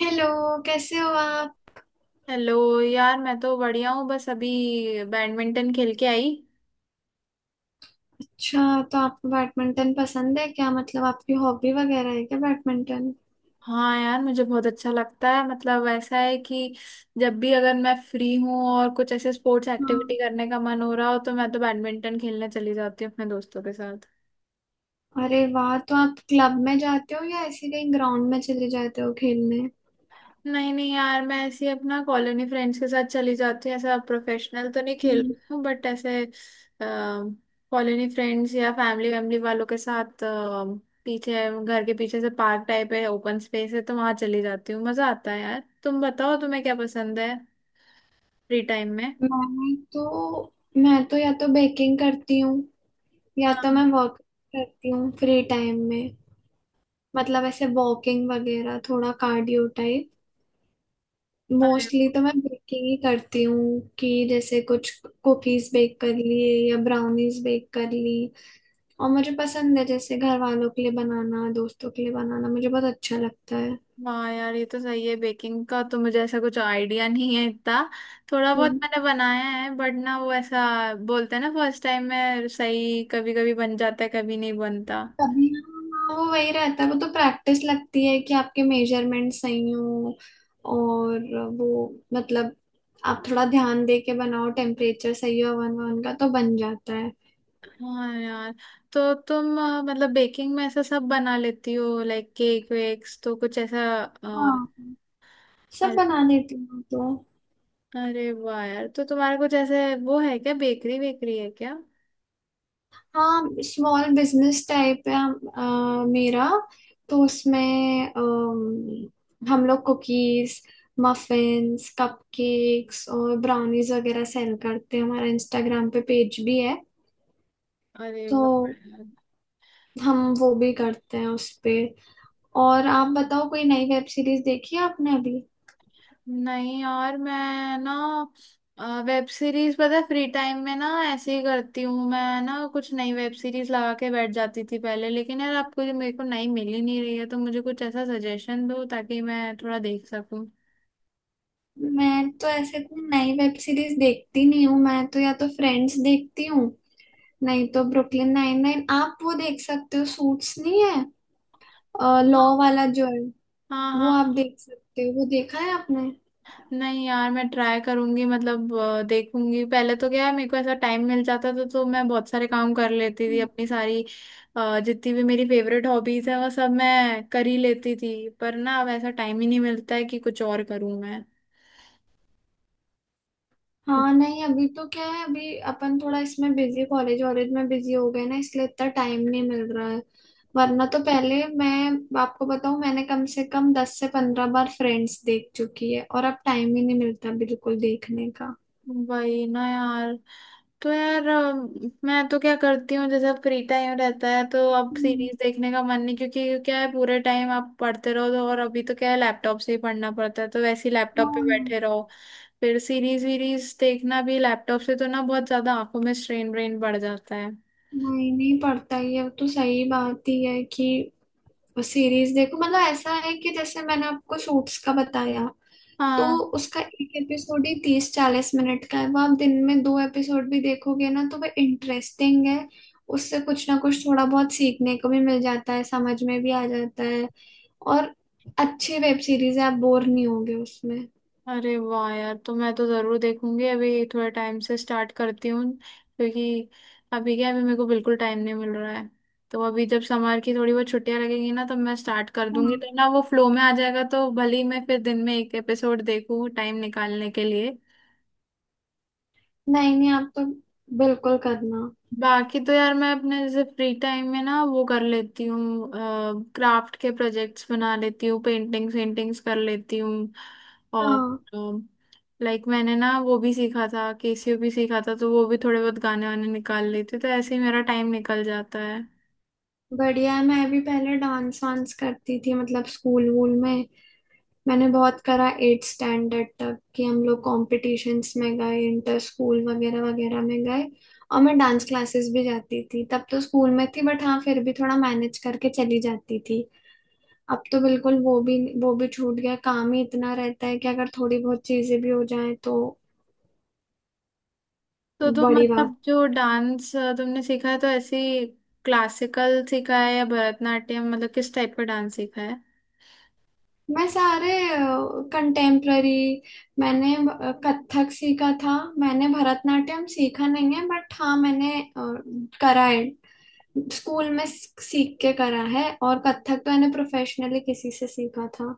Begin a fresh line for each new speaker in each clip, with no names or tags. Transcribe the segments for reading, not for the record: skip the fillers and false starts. Hello. कैसे हो आप?
हेलो यार। मैं तो बढ़िया हूँ, बस अभी बैडमिंटन खेल के आई।
अच्छा, तो आपको बैडमिंटन पसंद है क्या? मतलब आपकी हॉबी वगैरह है क्या बैडमिंटन?
हाँ यार, मुझे बहुत अच्छा लगता है। मतलब ऐसा है कि जब भी अगर मैं फ्री हूँ और कुछ ऐसे स्पोर्ट्स
हाँ,
एक्टिविटी करने का मन हो रहा हो तो मैं तो बैडमिंटन खेलने चली जाती हूँ अपने दोस्तों के साथ।
अरे वाह, तो आप क्लब में जाते हो या ऐसे कहीं ग्राउंड में चले जाते हो खेलने?
नहीं नहीं यार, मैं ऐसे ही अपना कॉलोनी फ्रेंड्स के साथ चली जाती हूँ। ऐसा प्रोफेशनल तो नहीं खेल
हम्म।
रही हूँ, बट ऐसे कॉलोनी फ्रेंड्स या फैमिली वैमिली वालों के साथ पीछे, घर के पीछे से पार्क टाइप है, ओपन स्पेस है, तो वहां चली जाती हूँ। मजा आता है। यार तुम बताओ, तुम्हें क्या पसंद है फ्री टाइम में?
मैं तो मैं तो या तो बेकिंग करती हूँ, या तो
हाँ।
मैं वॉक करती हूँ फ्री टाइम में। मतलब ऐसे वॉकिंग वगैरह, थोड़ा कार्डियो टाइप।
अरे।
मोस्टली तो मैं बेकिंग ही करती हूँ कि जैसे कुछ कुकीज बेक कर लिए या ब्राउनीज बेक कर ली, और मुझे पसंद है जैसे घर वालों के लिए बनाना, दोस्तों के लिए बनाना। मुझे बहुत अच्छा लगता है।
हाँ यार, ये तो सही है। बेकिंग का तो मुझे ऐसा कुछ आइडिया नहीं है इतना। थोड़ा बहुत
हम्म।
मैंने बनाया है, बट ना वो ऐसा बोलते हैं ना, फर्स्ट टाइम में सही कभी कभी बन जाता है, कभी नहीं बनता।
तभी हाँ, वो वही रहता है, वो तो प्रैक्टिस लगती है कि आपके मेजरमेंट सही हो और वो, मतलब आप थोड़ा ध्यान दे के बनाओ, टेम्परेचर सही हो, वन वन का तो बन जाता है।
हाँ यार, तो तुम मतलब बेकिंग में ऐसा सब बना लेती हो? लाइक केक वेक्स तो कुछ ऐसा
हाँ, सब
अरे।
बना लेती हूँ मैं तो।
अरे वाह यार, तो तुम्हारा कुछ ऐसे वो है क्या, बेकरी वेकरी है क्या?
हाँ, स्मॉल बिजनेस टाइप है मेरा। तो उसमें हम लोग कुकीज, मफिन्स, कपकेक्स और ब्राउनीज वगैरह सेल करते हैं। हमारा इंस्टाग्राम पे पेज भी है,
अरे वाह।
तो हम वो भी करते हैं उस पे। और आप बताओ, कोई नई वेब सीरीज देखी है आपने अभी?
नहीं यार मैं ना, वेब सीरीज पता है, फ्री टाइम में ना ऐसे ही करती हूँ। मैं ना कुछ नई वेब सीरीज लगा के बैठ जाती थी पहले, लेकिन यार आपको जो, मेरे को नई मिल ही नहीं रही है, तो मुझे कुछ ऐसा सजेशन दो ताकि मैं थोड़ा देख सकूँ।
मैं तो ऐसे कोई नई वेब सीरीज देखती नहीं हूँ। मैं तो या तो फ्रेंड्स देखती हूँ, नहीं तो ब्रुकलिन 99 आप वो देख सकते हो। सूट्स नहीं है, लॉ वाला जो है,
हाँ
वो आप
हाँ।
देख सकते हो। वो देखा है आपने?
नहीं यार मैं ट्राई करूंगी, मतलब देखूंगी। पहले तो क्या है, मेरे को ऐसा टाइम मिल जाता था तो मैं बहुत सारे काम कर लेती थी,
हम्म।
अपनी सारी जितनी भी मेरी फेवरेट हॉबीज है वो सब मैं कर ही लेती थी, पर ना अब ऐसा टाइम ही नहीं मिलता है कि कुछ और करूं मैं।
हाँ, नहीं, अभी तो क्या है, अभी अपन थोड़ा इसमें बिजी, कॉलेज वॉलेज में बिजी हो गए ना, इसलिए इतना टाइम नहीं मिल रहा है। वरना तो पहले, मैं आपको बताऊं, मैंने कम से कम 10 से 15 बार फ्रेंड्स देख चुकी है, और अब टाइम ही नहीं मिलता बिल्कुल देखने का।
वही ना यार। तो यार मैं तो क्या करती हूँ, जैसे अब फ्री टाइम रहता है तो अब
हम्म,
सीरीज देखने का मन नहीं, क्योंकि क्या है, पूरे टाइम आप पढ़ते रहो तो, और अभी तो क्या है, लैपटॉप से ही पढ़ना पड़ता है तो वैसे ही लैपटॉप पे
हाँ।
बैठे रहो, फिर सीरीज वीरीज देखना भी लैपटॉप से तो ना बहुत ज्यादा आंखों में स्ट्रेन व्रेन बढ़ जाता है।
नहीं, नहीं पड़ता, ये तो सही बात ही है कि सीरीज देखो, मतलब ऐसा है कि जैसे मैंने आपको सूट्स का बताया, तो
हाँ।
उसका एक एपिसोड ही 30-40 मिनट का है। वो आप दिन में 2 एपिसोड भी देखोगे ना, तो वह इंटरेस्टिंग है। उससे कुछ ना कुछ थोड़ा बहुत सीखने को भी मिल जाता है, समझ में भी आ जाता है, और अच्छी वेब सीरीज है, आप बोर नहीं होगे उसमें।
अरे वाह यार, तो मैं तो जरूर देखूंगी। अभी थोड़ा टाइम से स्टार्ट करती हूँ, क्योंकि अभी क्या, अभी मेरे को बिल्कुल टाइम नहीं मिल रहा है। तो अभी जब समर की थोड़ी वो छुट्टियां लगेगी ना, तब मैं स्टार्ट कर दूंगी,
हाँ,
तो ना वो फ्लो में आ जाएगा, तो भले ही मैं फिर दिन में एक एपिसोड देखूं टाइम निकालने के लिए।
नहीं नहीं, आप तो बिल्कुल करना।
बाकी तो यार मैं अपने जैसे फ्री टाइम में ना वो कर लेती हूँ, क्राफ्ट के प्रोजेक्ट्स बना लेती हूँ, पेंटिंग्स वेंटिंग्स कर लेती हूँ, और
हाँ,
लाइक मैंने ना वो भी सीखा था, केसीओ भी सीखा था, तो वो भी थोड़े बहुत गाने वाने निकाल लेती हूँ, तो ऐसे ही मेरा टाइम निकल जाता है।
बढ़िया है। मैं भी पहले डांस वांस करती थी, मतलब स्कूल वूल में। मैंने बहुत करा 8 स्टैंडर्ड तक कि हम लोग कॉम्पिटिशन्स में गए, इंटर स्कूल वगैरह वगैरह में गए। और मैं डांस क्लासेस भी जाती थी तब, तो स्कूल में थी बट हाँ, फिर भी थोड़ा मैनेज करके चली जाती थी। अब तो बिल्कुल वो भी छूट गया। काम ही इतना रहता है कि अगर थोड़ी बहुत चीजें भी हो जाए तो
तो तुम,
बड़ी बात।
मतलब जो डांस तुमने सीखा है, तो ऐसे क्लासिकल सीखा है या भरतनाट्यम, मतलब किस टाइप का डांस सीखा है?
मैं सारे कंटेम्प्ररी, मैंने कथक सीखा था। मैंने भरतनाट्यम सीखा नहीं है, बट हाँ मैंने करा है स्कूल में, सीख के करा है। और कथक तो मैंने प्रोफेशनली किसी से सीखा था।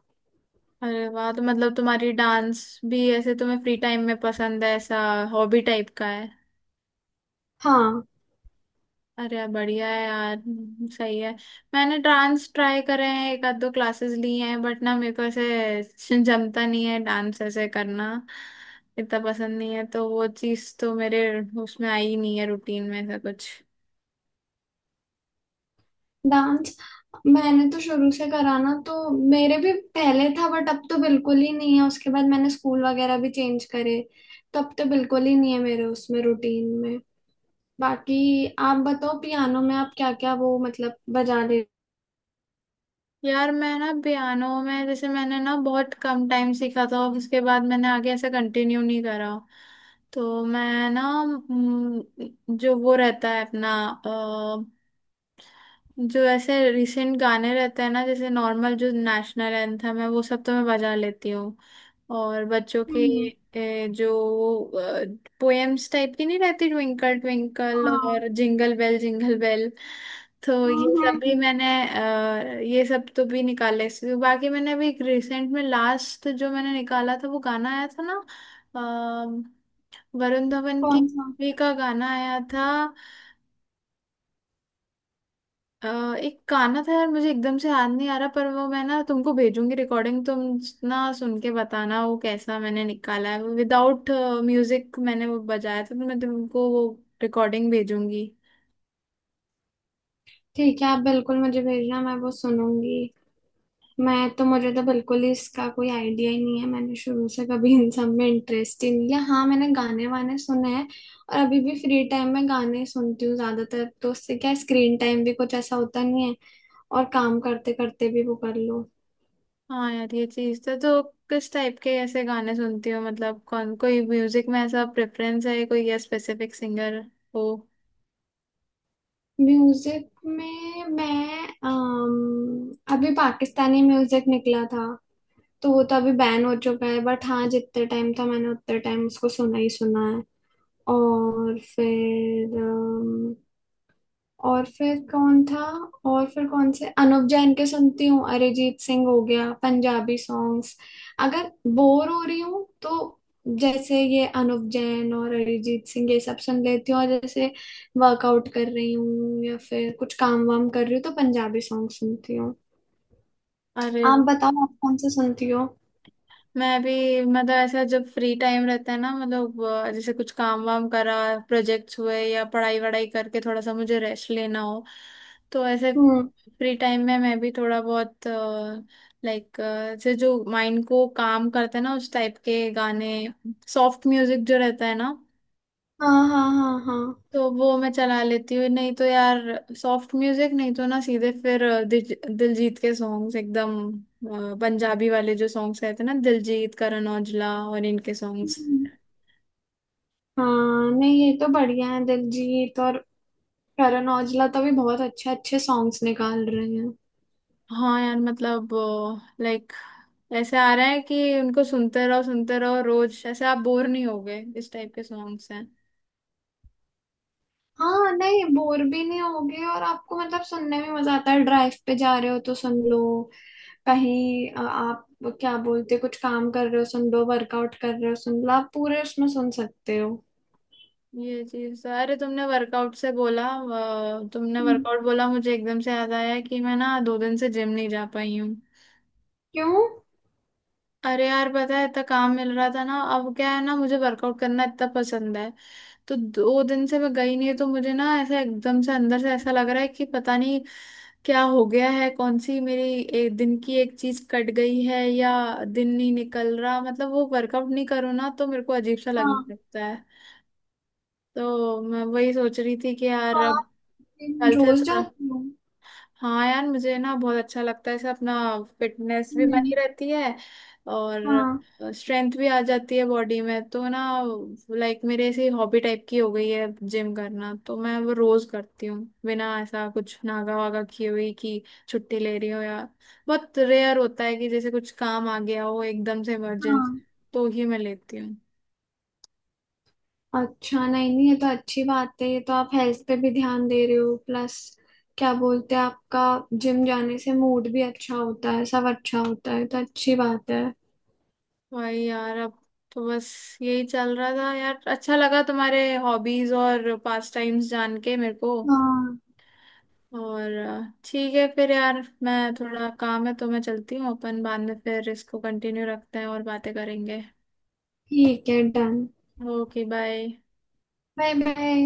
अरे वाह, तो मतलब तुम्हारी डांस भी ऐसे तुम्हें फ्री टाइम में पसंद है, ऐसा हॉबी टाइप का है?
हाँ,
अरे यार बढ़िया है यार। सही है। मैंने डांस ट्राई करे हैं, एक आध दो क्लासेस ली हैं, बट ना मेरे को ऐसे जमता नहीं है, डांस ऐसे करना इतना पसंद नहीं है, तो वो चीज़ तो मेरे उसमें आई ही नहीं है रूटीन में, ऐसा कुछ।
डांस मैंने तो शुरू से करा ना, तो मेरे भी पहले था बट अब तो बिल्कुल ही नहीं है। उसके बाद मैंने स्कूल वगैरह भी चेंज करे, तो अब तो बिल्कुल ही नहीं है मेरे उसमें रूटीन में। बाकी आप बताओ, पियानो में आप क्या क्या वो, मतलब बजा ले?
यार मैं ना पियानो में, जैसे मैंने ना बहुत कम टाइम सीखा था, उसके बाद मैंने आगे ऐसे कंटिन्यू नहीं करा, तो मैं ना, जो वो रहता है अपना अ, जो ऐसे रिसेंट गाने रहते हैं ना, जैसे नॉर्मल, जो नेशनल एंथम है, वो सब तो मैं बजा लेती हूँ। और बच्चों के
हम्म,
जो पोएम्स टाइप की नहीं रहती, ट्विंकल ट्विंकल
हाँ।
और जिंगल बेल जिंगल बेल, तो
हम्म,
ये सब
हम्म,
भी
हम्म।
मैंने ये सब तो भी निकाले बाकी मैंने अभी रिसेंट में लास्ट जो मैंने निकाला था, वो गाना आया था ना, वरुण धवन की
कौन सा?
मूवी का गाना आया था। अ, एक गाना था यार, मुझे एकदम से याद नहीं आ रहा, पर वो मैं ना तुमको भेजूंगी रिकॉर्डिंग, तुम ना सुन के बताना वो कैसा मैंने निकाला है। विदाउट म्यूजिक मैंने वो बजाया था, तो मैं तुमको वो रिकॉर्डिंग भेजूंगी।
ठीक है, आप बिल्कुल मुझे भेजना, मैं वो सुनूंगी। मैं तो, मुझे तो बिल्कुल ही इसका कोई आइडिया ही नहीं है। मैंने शुरू से कभी इन सब में इंटरेस्ट ही नहीं लिया। हाँ, मैंने गाने वाने सुने हैं, और अभी भी फ्री टाइम में गाने ही सुनती हूँ ज्यादातर, तो उससे क्या स्क्रीन टाइम भी कुछ ऐसा होता नहीं है, और काम करते करते भी वो कर लो।
हाँ यार, ये चीज था तो, किस टाइप के ऐसे गाने सुनती हो? मतलब कौन, कोई म्यूजिक में ऐसा प्रेफरेंस है कोई, या स्पेसिफिक सिंगर हो?
म्यूजिक में मैं, अभी पाकिस्तानी म्यूजिक निकला था, तो वो तो अभी बैन हो चुका है, बट हाँ, जितने टाइम था मैंने उतने टाइम उसको सुना ही सुना है। और फिर, और फिर कौन था और फिर कौन से अनुप जैन के सुनती हूँ, अरिजीत सिंह हो गया, पंजाबी सॉन्ग्स अगर बोर हो रही हूँ तो। जैसे ये अनुप जैन और अरिजीत सिंह ये सब सुन लेती हूँ, और जैसे वर्कआउट कर रही हूँ या फिर कुछ काम वाम कर रही हूँ तो पंजाबी सॉन्ग सुनती हूँ।
अरे
आप बताओ, आप कौन से सुनती हो?
मैं भी, मतलब ऐसा, जब फ्री टाइम रहता है ना, मतलब जैसे कुछ काम वाम करा, प्रोजेक्ट्स हुए या पढ़ाई वढ़ाई करके थोड़ा सा मुझे रेस्ट लेना हो, तो ऐसे
हम्म।
फ्री टाइम में मैं भी थोड़ा बहुत, लाइक जैसे जो माइंड को काम करते हैं ना, उस टाइप के गाने, सॉफ्ट म्यूजिक जो रहता है ना,
हाँ हाँ हाँ हाँ।
तो वो मैं चला लेती हूँ। नहीं तो यार सॉफ्ट म्यूजिक नहीं तो ना सीधे फिर दिलजीत के सॉन्ग्स एकदम, पंजाबी वाले जो सॉन्ग्स रहते हैं ना, दिलजीत, करण औजला, और इनके सॉन्ग्स।
हम्म, हाँ, नहीं ये तो बढ़िया है। दिलजीत और करण औजला तो भी बहुत अच्छे अच्छे सॉन्ग्स निकाल रहे हैं।
हाँ यार, मतलब लाइक ऐसे आ रहा है कि उनको सुनते रहो रोज, ऐसे आप बोर नहीं होगे, इस टाइप के सॉन्ग्स हैं।
हाँ, नहीं बोर भी नहीं होगे, और आपको मतलब सुनने में मजा आता है। ड्राइव पे जा रहे हो तो सुन लो, कहीं आप क्या बोलते, कुछ काम कर रहे हो सुन लो, वर्कआउट कर रहे हो सुन लो, आप पूरे उसमें सुन सकते हो।
ये चीज अरे तुमने वर्कआउट से बोला, तुमने
हम्म,
वर्कआउट बोला, मुझे एकदम से याद आया कि मैं ना दो दिन से जिम नहीं जा पाई हूँ।
क्यों?
अरे यार पता है, इतना काम मिल रहा था ना, अब क्या है ना, मुझे वर्कआउट करना इतना पसंद है, तो दो दिन से मैं गई नहीं तो मुझे ना ऐसा एकदम से अंदर से ऐसा लग रहा है कि पता नहीं क्या हो गया है, कौन सी मेरी एक दिन की एक चीज कट गई है, या दिन नहीं निकल रहा। मतलब वो वर्कआउट नहीं करूँ ना तो मेरे को अजीब सा
हाँ,
लगने लगता है। तो मैं वही सोच रही थी कि
तो
यार अब
आप जिम
कल से
रोज
थोड़ा।
जाते हो?
हाँ यार मुझे ना बहुत अच्छा लगता है, इससे अपना फिटनेस भी
हम्म,
बनी रहती है और
हाँ
स्ट्रेंथ भी आ जाती है बॉडी में, तो ना लाइक मेरे ऐसी हॉबी टाइप की हो गई है जिम करना, तो मैं वो रोज करती हूँ, बिना ऐसा कुछ नागा वागा किए हुई कि छुट्टी ले रही हो या, बहुत रेयर होता है कि जैसे कुछ काम आ गया हो एकदम से, इमरजेंसी,
हाँ।
तो ही मैं लेती हूँ।
अच्छा, नहीं नहीं, ये तो अच्छी बात है। ये तो आप हेल्थ पे भी ध्यान दे रहे हो, प्लस क्या बोलते हैं आपका, जिम जाने से मूड भी अच्छा होता है, सब अच्छा होता है, तो अच्छी बात है।
भाई यार अब तो बस यही चल रहा था यार। अच्छा लगा तुम्हारे हॉबीज और पास टाइम्स जान के मेरे को।
हाँ,
और ठीक है फिर यार, मैं थोड़ा काम है तो मैं चलती हूँ, अपन बाद में फिर इसको कंटिन्यू रखते हैं और बातें करेंगे।
ठीक है, done.
Okay bye.
Bye bye.